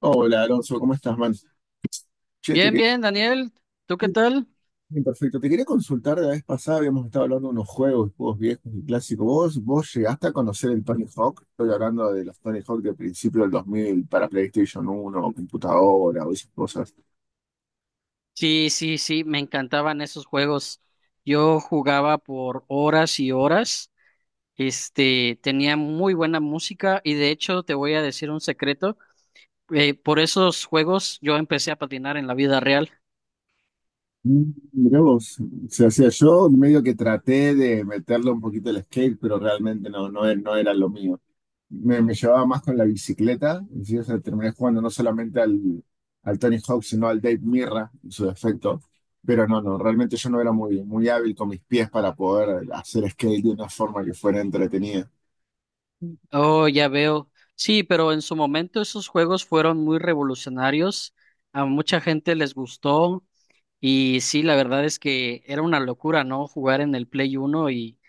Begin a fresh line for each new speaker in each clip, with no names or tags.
Hola Alonso, ¿cómo estás, man? Che, te
Bien,
quería...
bien, Daniel, ¿tú qué tal?
Bien, perfecto, te quería consultar. La vez pasada habíamos estado hablando de unos juegos, juegos viejos y clásicos. ¿Vos llegaste a conocer el Tony Hawk? Estoy hablando de los Tony Hawk del principio del 2000 para PlayStation uno, o computadora o esas cosas.
Sí, sí, sí, me encantaban esos juegos. Yo jugaba por horas y horas. Tenía muy buena música y de hecho te voy a decir un secreto. Por esos juegos yo empecé a patinar en la vida real.
Mirá vos. O sea, hacía yo medio que traté de meterle un poquito el skate, pero realmente no, no, no era lo mío. Me llevaba más con la bicicleta, y sí, o sea, terminé jugando no solamente al, al Tony Hawk, sino al Dave Mirra en su defecto. Pero no, no, realmente yo no era muy, muy hábil con mis pies para poder hacer skate de una forma que fuera entretenida.
Oh, ya veo. Sí, pero en su momento esos juegos fueron muy revolucionarios. A mucha gente les gustó y sí, la verdad es que era una locura, ¿no? Jugar en el Play Uno y,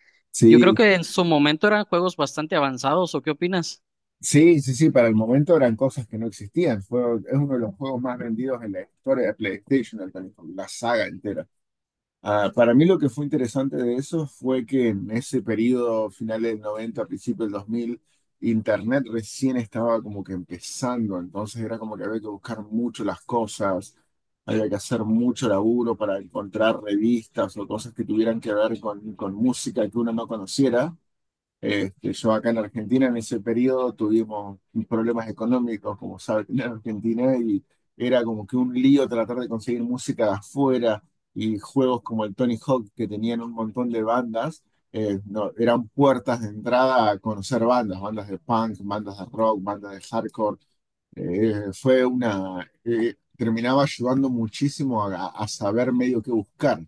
yo creo
Sí,
que en su momento eran juegos bastante avanzados, ¿o qué opinas?
sí, sí, sí, para el momento eran cosas que no existían. Es uno de los juegos más vendidos en la historia de PlayStation, el Tony Hawk, la saga entera. Ah, para mí lo que fue interesante de eso fue que en ese periodo, finales del 90, principio del dos mil, Internet recién estaba como que empezando. Entonces era como que había que buscar mucho las cosas, había que hacer mucho laburo para encontrar revistas o cosas que tuvieran que ver con música que uno no conociera. Este, yo acá en Argentina en ese periodo tuvimos problemas económicos, como saben, en Argentina, y era como que un lío tratar de conseguir música de afuera y juegos como el Tony Hawk, que tenían un montón de bandas. No, eran puertas de entrada a conocer bandas, bandas de punk, bandas de rock, bandas de hardcore. Terminaba ayudando muchísimo a saber medio qué buscar.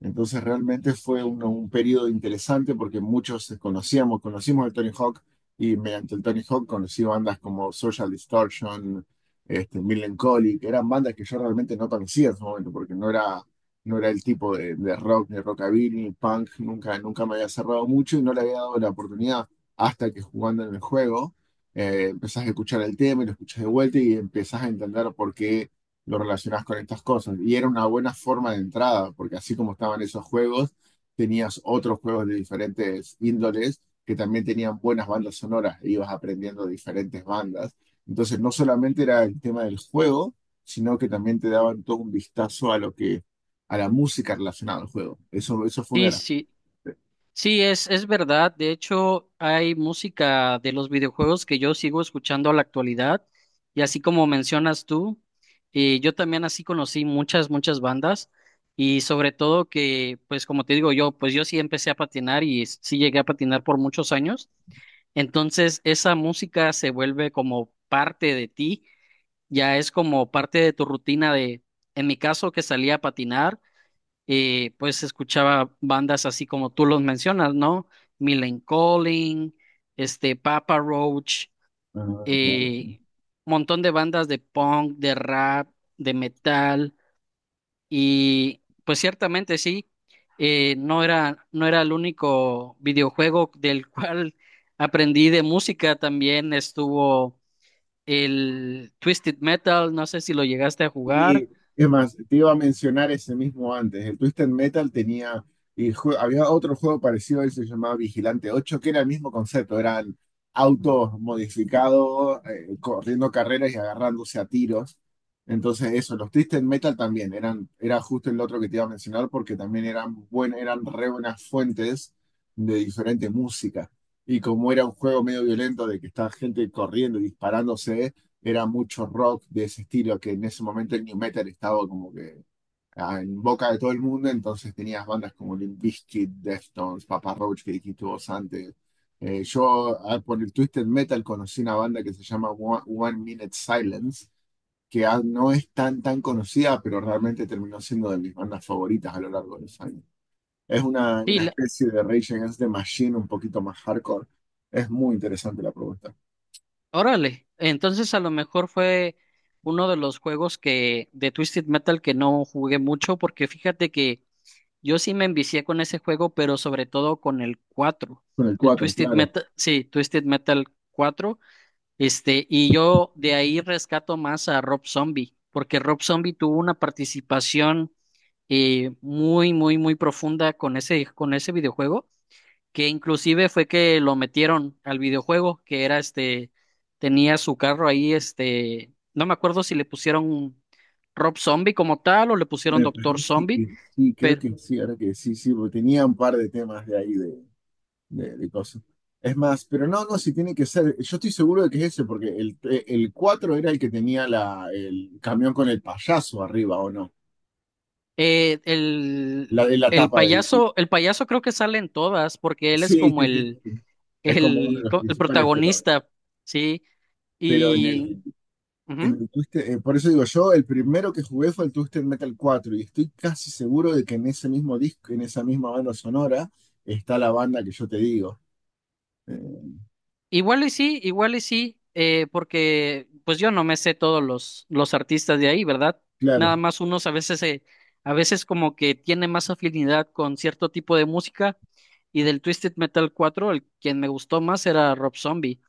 Entonces realmente fue un periodo interesante porque muchos conocimos el Tony Hawk, y mediante el Tony Hawk conocí bandas como Social Distortion, este, Millencolin. Eran bandas que yo realmente no conocía en su momento porque no era, no era el tipo de rock, ni rockabilly, ni punk. Nunca, nunca me había cerrado mucho y no le había dado la oportunidad hasta que jugando en el juego, empezás a escuchar el tema y lo escuchás de vuelta y empezás a entender por qué lo relacionás con estas cosas. Y era una buena forma de entrada, porque así como estaban esos juegos, tenías otros juegos de diferentes índoles que también tenían buenas bandas sonoras, e ibas aprendiendo diferentes bandas. Entonces, no solamente era el tema del juego, sino que también te daban todo un vistazo a lo que, a la música relacionada al juego. Eso fue una
Sí,
de las...
sí, sí, es verdad. De hecho, hay música de los videojuegos que yo sigo escuchando a la actualidad. Y así como mencionas tú, yo también así conocí muchas, muchas bandas. Y sobre todo que, pues como te digo yo, pues yo sí empecé a patinar y sí llegué a patinar por muchos años. Entonces, esa música se vuelve como parte de ti. Ya es como parte de tu rutina de, en mi caso, que salía a patinar, pues escuchaba bandas así como tú los mencionas, ¿no? Millen Collin, Papa Roach,
Ah, claro.
eh, montón de bandas de punk, de rap, de metal, y pues ciertamente sí, no era el único videojuego del cual aprendí de música, también estuvo. El Twisted Metal, no sé si lo llegaste a
Y
jugar.
es más, te iba a mencionar ese mismo antes. El Twisted Metal tenía, había otro juego parecido a él, se llamaba Vigilante ocho, que era el mismo concepto. Eran autos modificados, corriendo carreras y agarrándose a tiros. Entonces eso, los Twisted Metal también eran, era justo el otro que te iba a mencionar, porque también eran re buenas fuentes de diferente música. Y como era un juego medio violento de que está gente corriendo y disparándose, era mucho rock de ese estilo, que en ese momento el new metal estaba como que en boca de todo el mundo. Entonces tenías bandas como Limp Bizkit, Deftones, Papa Roach, que dijiste vos antes. Yo por el Twisted Metal conocí una banda que se llama One Minute Silence, que no es tan, tan conocida, pero realmente terminó siendo de mis bandas favoritas a lo largo de los años. Es
Sí,
una
la-
especie de Rage Against the Machine un poquito más hardcore. Es muy interesante la propuesta.
Órale. Entonces a lo mejor fue uno de los juegos que de Twisted Metal que no jugué mucho porque fíjate que yo sí me envicié con ese juego, pero sobre todo con el cuatro.
Con el
El
cuatro,
Twisted
claro.
Metal, sí, Twisted Metal 4. Y yo de ahí rescato más a Rob Zombie, porque Rob Zombie tuvo una participación muy, muy, muy profunda con ese videojuego. Que inclusive fue que lo metieron al videojuego, que era tenía su carro ahí, no me acuerdo si le pusieron Rob Zombie como tal o le pusieron
Me
Doctor
parece
Zombie,
que sí, creo
pero
que sí, ahora que sí, sí, porque tenía un par de temas de ahí de cosas. Es más, pero no, no, si tiene que ser, yo estoy seguro de que es ese, porque el 4 era el que tenía el camión con el payaso arriba, ¿o no?
eh,
La
el,
de la
el
tapa del...
payaso, el payaso creo que sale en todas, porque él es
Sí,
como
sí, sí,
el,
sí. Es como uno
el,
de los
co- el
principales,
protagonista, ¿sí?
pero en
Y
el,
ujú.
por eso digo yo, el primero que jugué fue el Twisted Metal cuatro, y estoy casi seguro de que en ese mismo disco, en esa misma banda sonora, está la banda que yo te digo. eh,
Igual y sí, porque pues yo no me sé todos los artistas de ahí, ¿verdad?
Claro,
Nada más unos a veces como que tiene más afinidad con cierto tipo de música y del Twisted Metal 4 el quien me gustó más era Rob Zombie.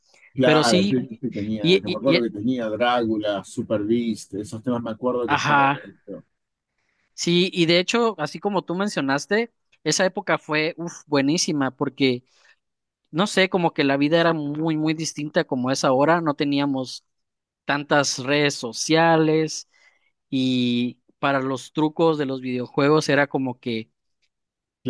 Pero
claro,
sí,
sí, sí, sí, tenía,
y,
que me
y,
acuerdo
y-
que tenía Drácula, Super Beast. Esos temas me acuerdo que estaban
ajá,
en esto.
sí, y de hecho, así como tú mencionaste, esa época fue, uf, buenísima, porque no sé, como que la vida era muy, muy distinta como es ahora, no teníamos tantas redes sociales y para los trucos de los videojuegos era como que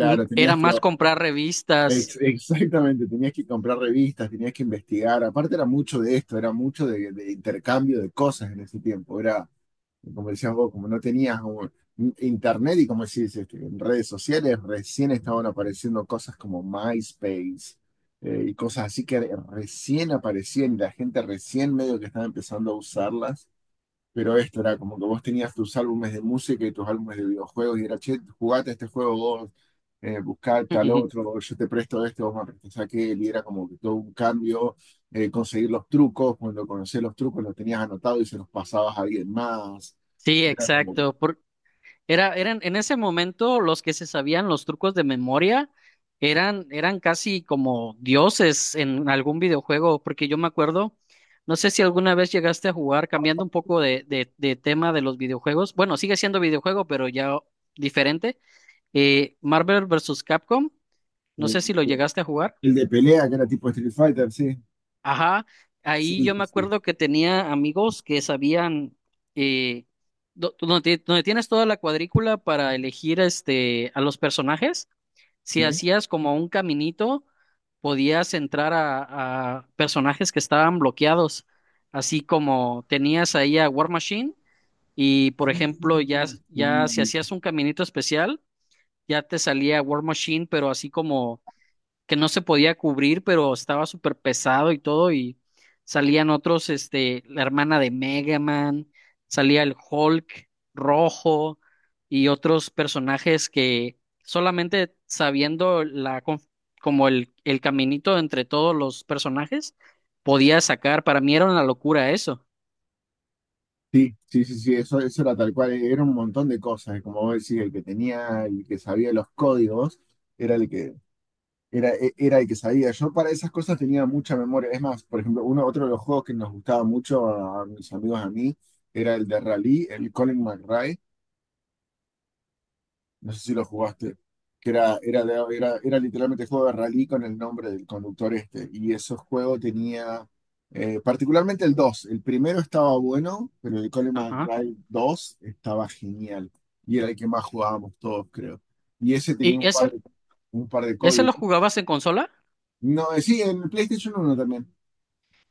era más comprar revistas.
exactamente, tenías que comprar revistas, tenías que investigar. Aparte era mucho de esto, era mucho de intercambio de cosas en ese tiempo. Era, como decías vos, como no tenías un internet, y como decís, este, en redes sociales recién estaban apareciendo cosas como MySpace. Y cosas así que recién aparecían, y la gente recién medio que estaba empezando a usarlas. Pero esto era como que vos tenías tus álbumes de música y tus álbumes de videojuegos, y era, che, jugate este juego vos, buscá tal otro, yo te presto este, vos me prestás aquel, y era como que todo un cambio. Conseguir los trucos, cuando conocías los trucos los tenías anotados y se los pasabas a alguien más,
Sí,
era como que,
exacto. Era, eran, en ese momento los que se sabían los trucos de memoria eran casi como dioses en algún videojuego, porque yo me acuerdo, no sé si alguna vez llegaste a jugar, cambiando un poco de tema de los videojuegos, bueno, sigue siendo videojuego, pero ya diferente, Marvel versus Capcom, no sé si
eh,
lo llegaste a jugar.
el de pelea que era tipo Street Fighter, sí,
Ajá,
sí,
ahí yo me
sí,
acuerdo que tenía amigos que sabían eh, donde tienes toda la cuadrícula para elegir a los personajes. Si
sí.
hacías como un caminito, podías entrar a personajes que estaban bloqueados. Así como tenías ahí a War Machine y por ejemplo ya si
¿Sí?
hacías un caminito especial ya te salía War Machine, pero así como que no se podía cubrir, pero estaba súper pesado y todo, y salían otros, la hermana de Mega Man, salía el Hulk rojo y otros personajes que solamente sabiendo como el caminito entre todos los personajes, podía sacar. Para mí era una locura eso.
Sí, sí, sí, sí, eso era tal cual, era un montón de cosas, y como vos decís, el que tenía, el que sabía los códigos, era el que, era, era el que sabía. Yo para esas cosas tenía mucha memoria. Es más, por ejemplo, otro de los juegos que nos gustaba mucho a mis amigos, a mí, era el de Rally, el Colin McRae, no sé si lo jugaste, que era, era, era literalmente juego de rally con el nombre del conductor este. Y ese juego particularmente el 2 el primero estaba bueno, pero el Colin
Ajá.
McRae 2 estaba genial. Y era el que más jugábamos todos, creo. Y ese tenía
¿Y
un par
ese,
de, un par de
ese lo
códigos.
jugabas en consola?
No, sí, en el PlayStation uno también.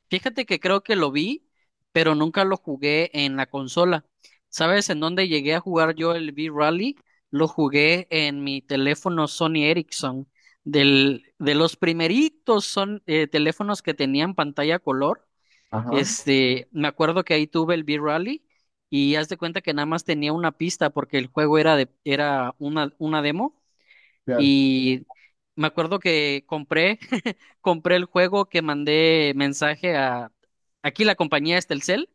Fíjate que creo que lo vi, pero nunca lo jugué en la consola. ¿Sabes en dónde llegué a jugar yo el V-Rally? Lo jugué en mi teléfono Sony Ericsson, del, de los primeritos son, teléfonos que tenían pantalla color.
Ajá,
Me acuerdo que ahí tuve el V-Rally y haz de cuenta que nada más tenía una pista porque el juego era de, era una demo
claro,
y me acuerdo que compré, compré el juego que mandé mensaje a, aquí la compañía es Telcel,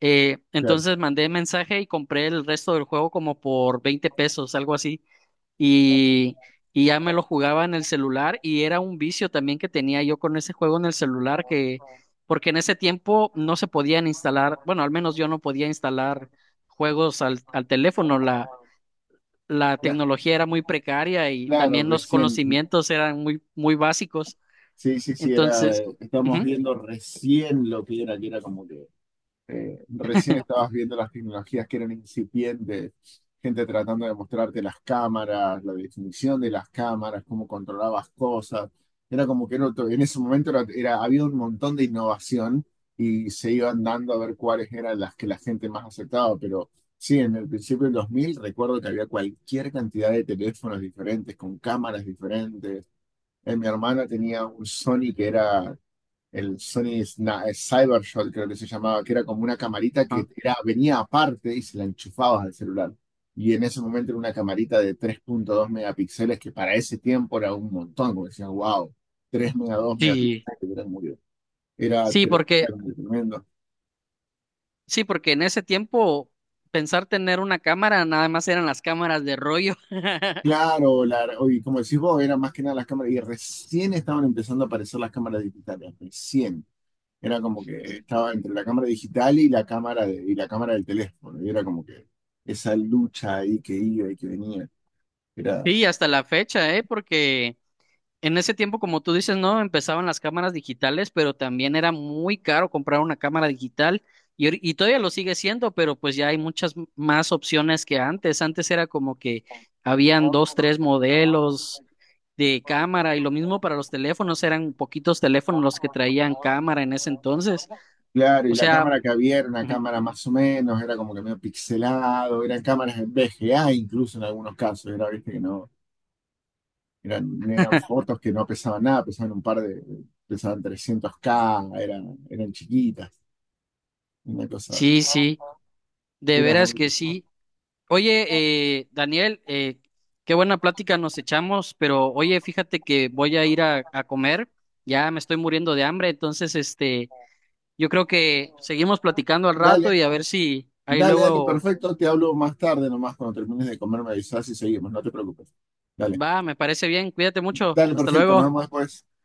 claro.
entonces mandé mensaje y compré el resto del juego como por 20 pesos, algo así, y, y ya me lo jugaba en el celular y era un vicio también que tenía yo con ese juego en el celular que, porque en ese tiempo no se podían instalar, bueno, al menos yo no podía instalar juegos al teléfono, la
Cla-
tecnología era muy precaria y
Claro,
también los
recién.
conocimientos eran muy, muy básicos.
Sí, sí, sí,
Entonces,
estamos
ujú,
viendo recién lo que era como que, recién estabas viendo las tecnologías que eran incipientes, gente tratando de mostrarte las cámaras, la definición de las cámaras, cómo controlabas cosas. Era como que era en ese momento había un montón de innovación, y se iban dando a ver cuáles eran las que la gente más aceptaba. Pero sí, en el principio del 2000 recuerdo que había cualquier cantidad de teléfonos diferentes, con cámaras diferentes. Mi hermana tenía un Sony que era el Sony Cybershot, creo que se llamaba, que era como una camarita que
ajá.
era, venía aparte y se la enchufabas al celular. Y en ese momento era una camarita de 3.2 megapíxeles, que para ese tiempo era un montón, como decían, wow, 3.2
Sí,
megapíxeles, era muy- era
sí,
tre- era tremendo.
sí, porque en ese tiempo pensar tener una cámara nada más eran las cámaras de rollo.
Claro, y como decís vos, era más que nada las cámaras, y recién estaban empezando a aparecer las cámaras digitales, recién. Era como que estaba entre la cámara digital y la cámara y la cámara del teléfono. Y era como que esa lucha ahí que iba y que venía. Era,
Sí, hasta la fecha, ¿eh? Porque en ese tiempo, como tú dices, no empezaban las cámaras digitales, pero también era muy caro comprar una cámara digital y todavía lo sigue siendo, pero pues ya hay muchas más opciones que antes. Antes era como que habían dos, tres modelos de cámara y lo mismo para los teléfonos, eran poquitos teléfonos los que traían cámara en ese entonces.
claro, y
O
la
sea,
cámara que había era una
ujú,
cámara más o menos, era como que medio pixelado. Eran cámaras en VGA, incluso en algunos casos. Era, viste, que no, eran fotos que no pesaban nada. Pesaban pesaban 300K. Eran chiquitas, una cosa.
sí, sí, de
Era más...
veras que sí. Oye, Daniel, qué buena plática nos echamos, pero oye, fíjate que voy a ir a comer, ya me estoy muriendo de hambre, entonces, yo creo que seguimos platicando al
Dale,
rato y a ver si ahí
dale, dale,
luego.
perfecto. Te hablo más tarde, nomás cuando termines de comer, me avisas y seguimos, no te preocupes. Dale,
Va, me parece bien, cuídate mucho,
dale,
hasta
perfecto. Nos
luego.
vemos después.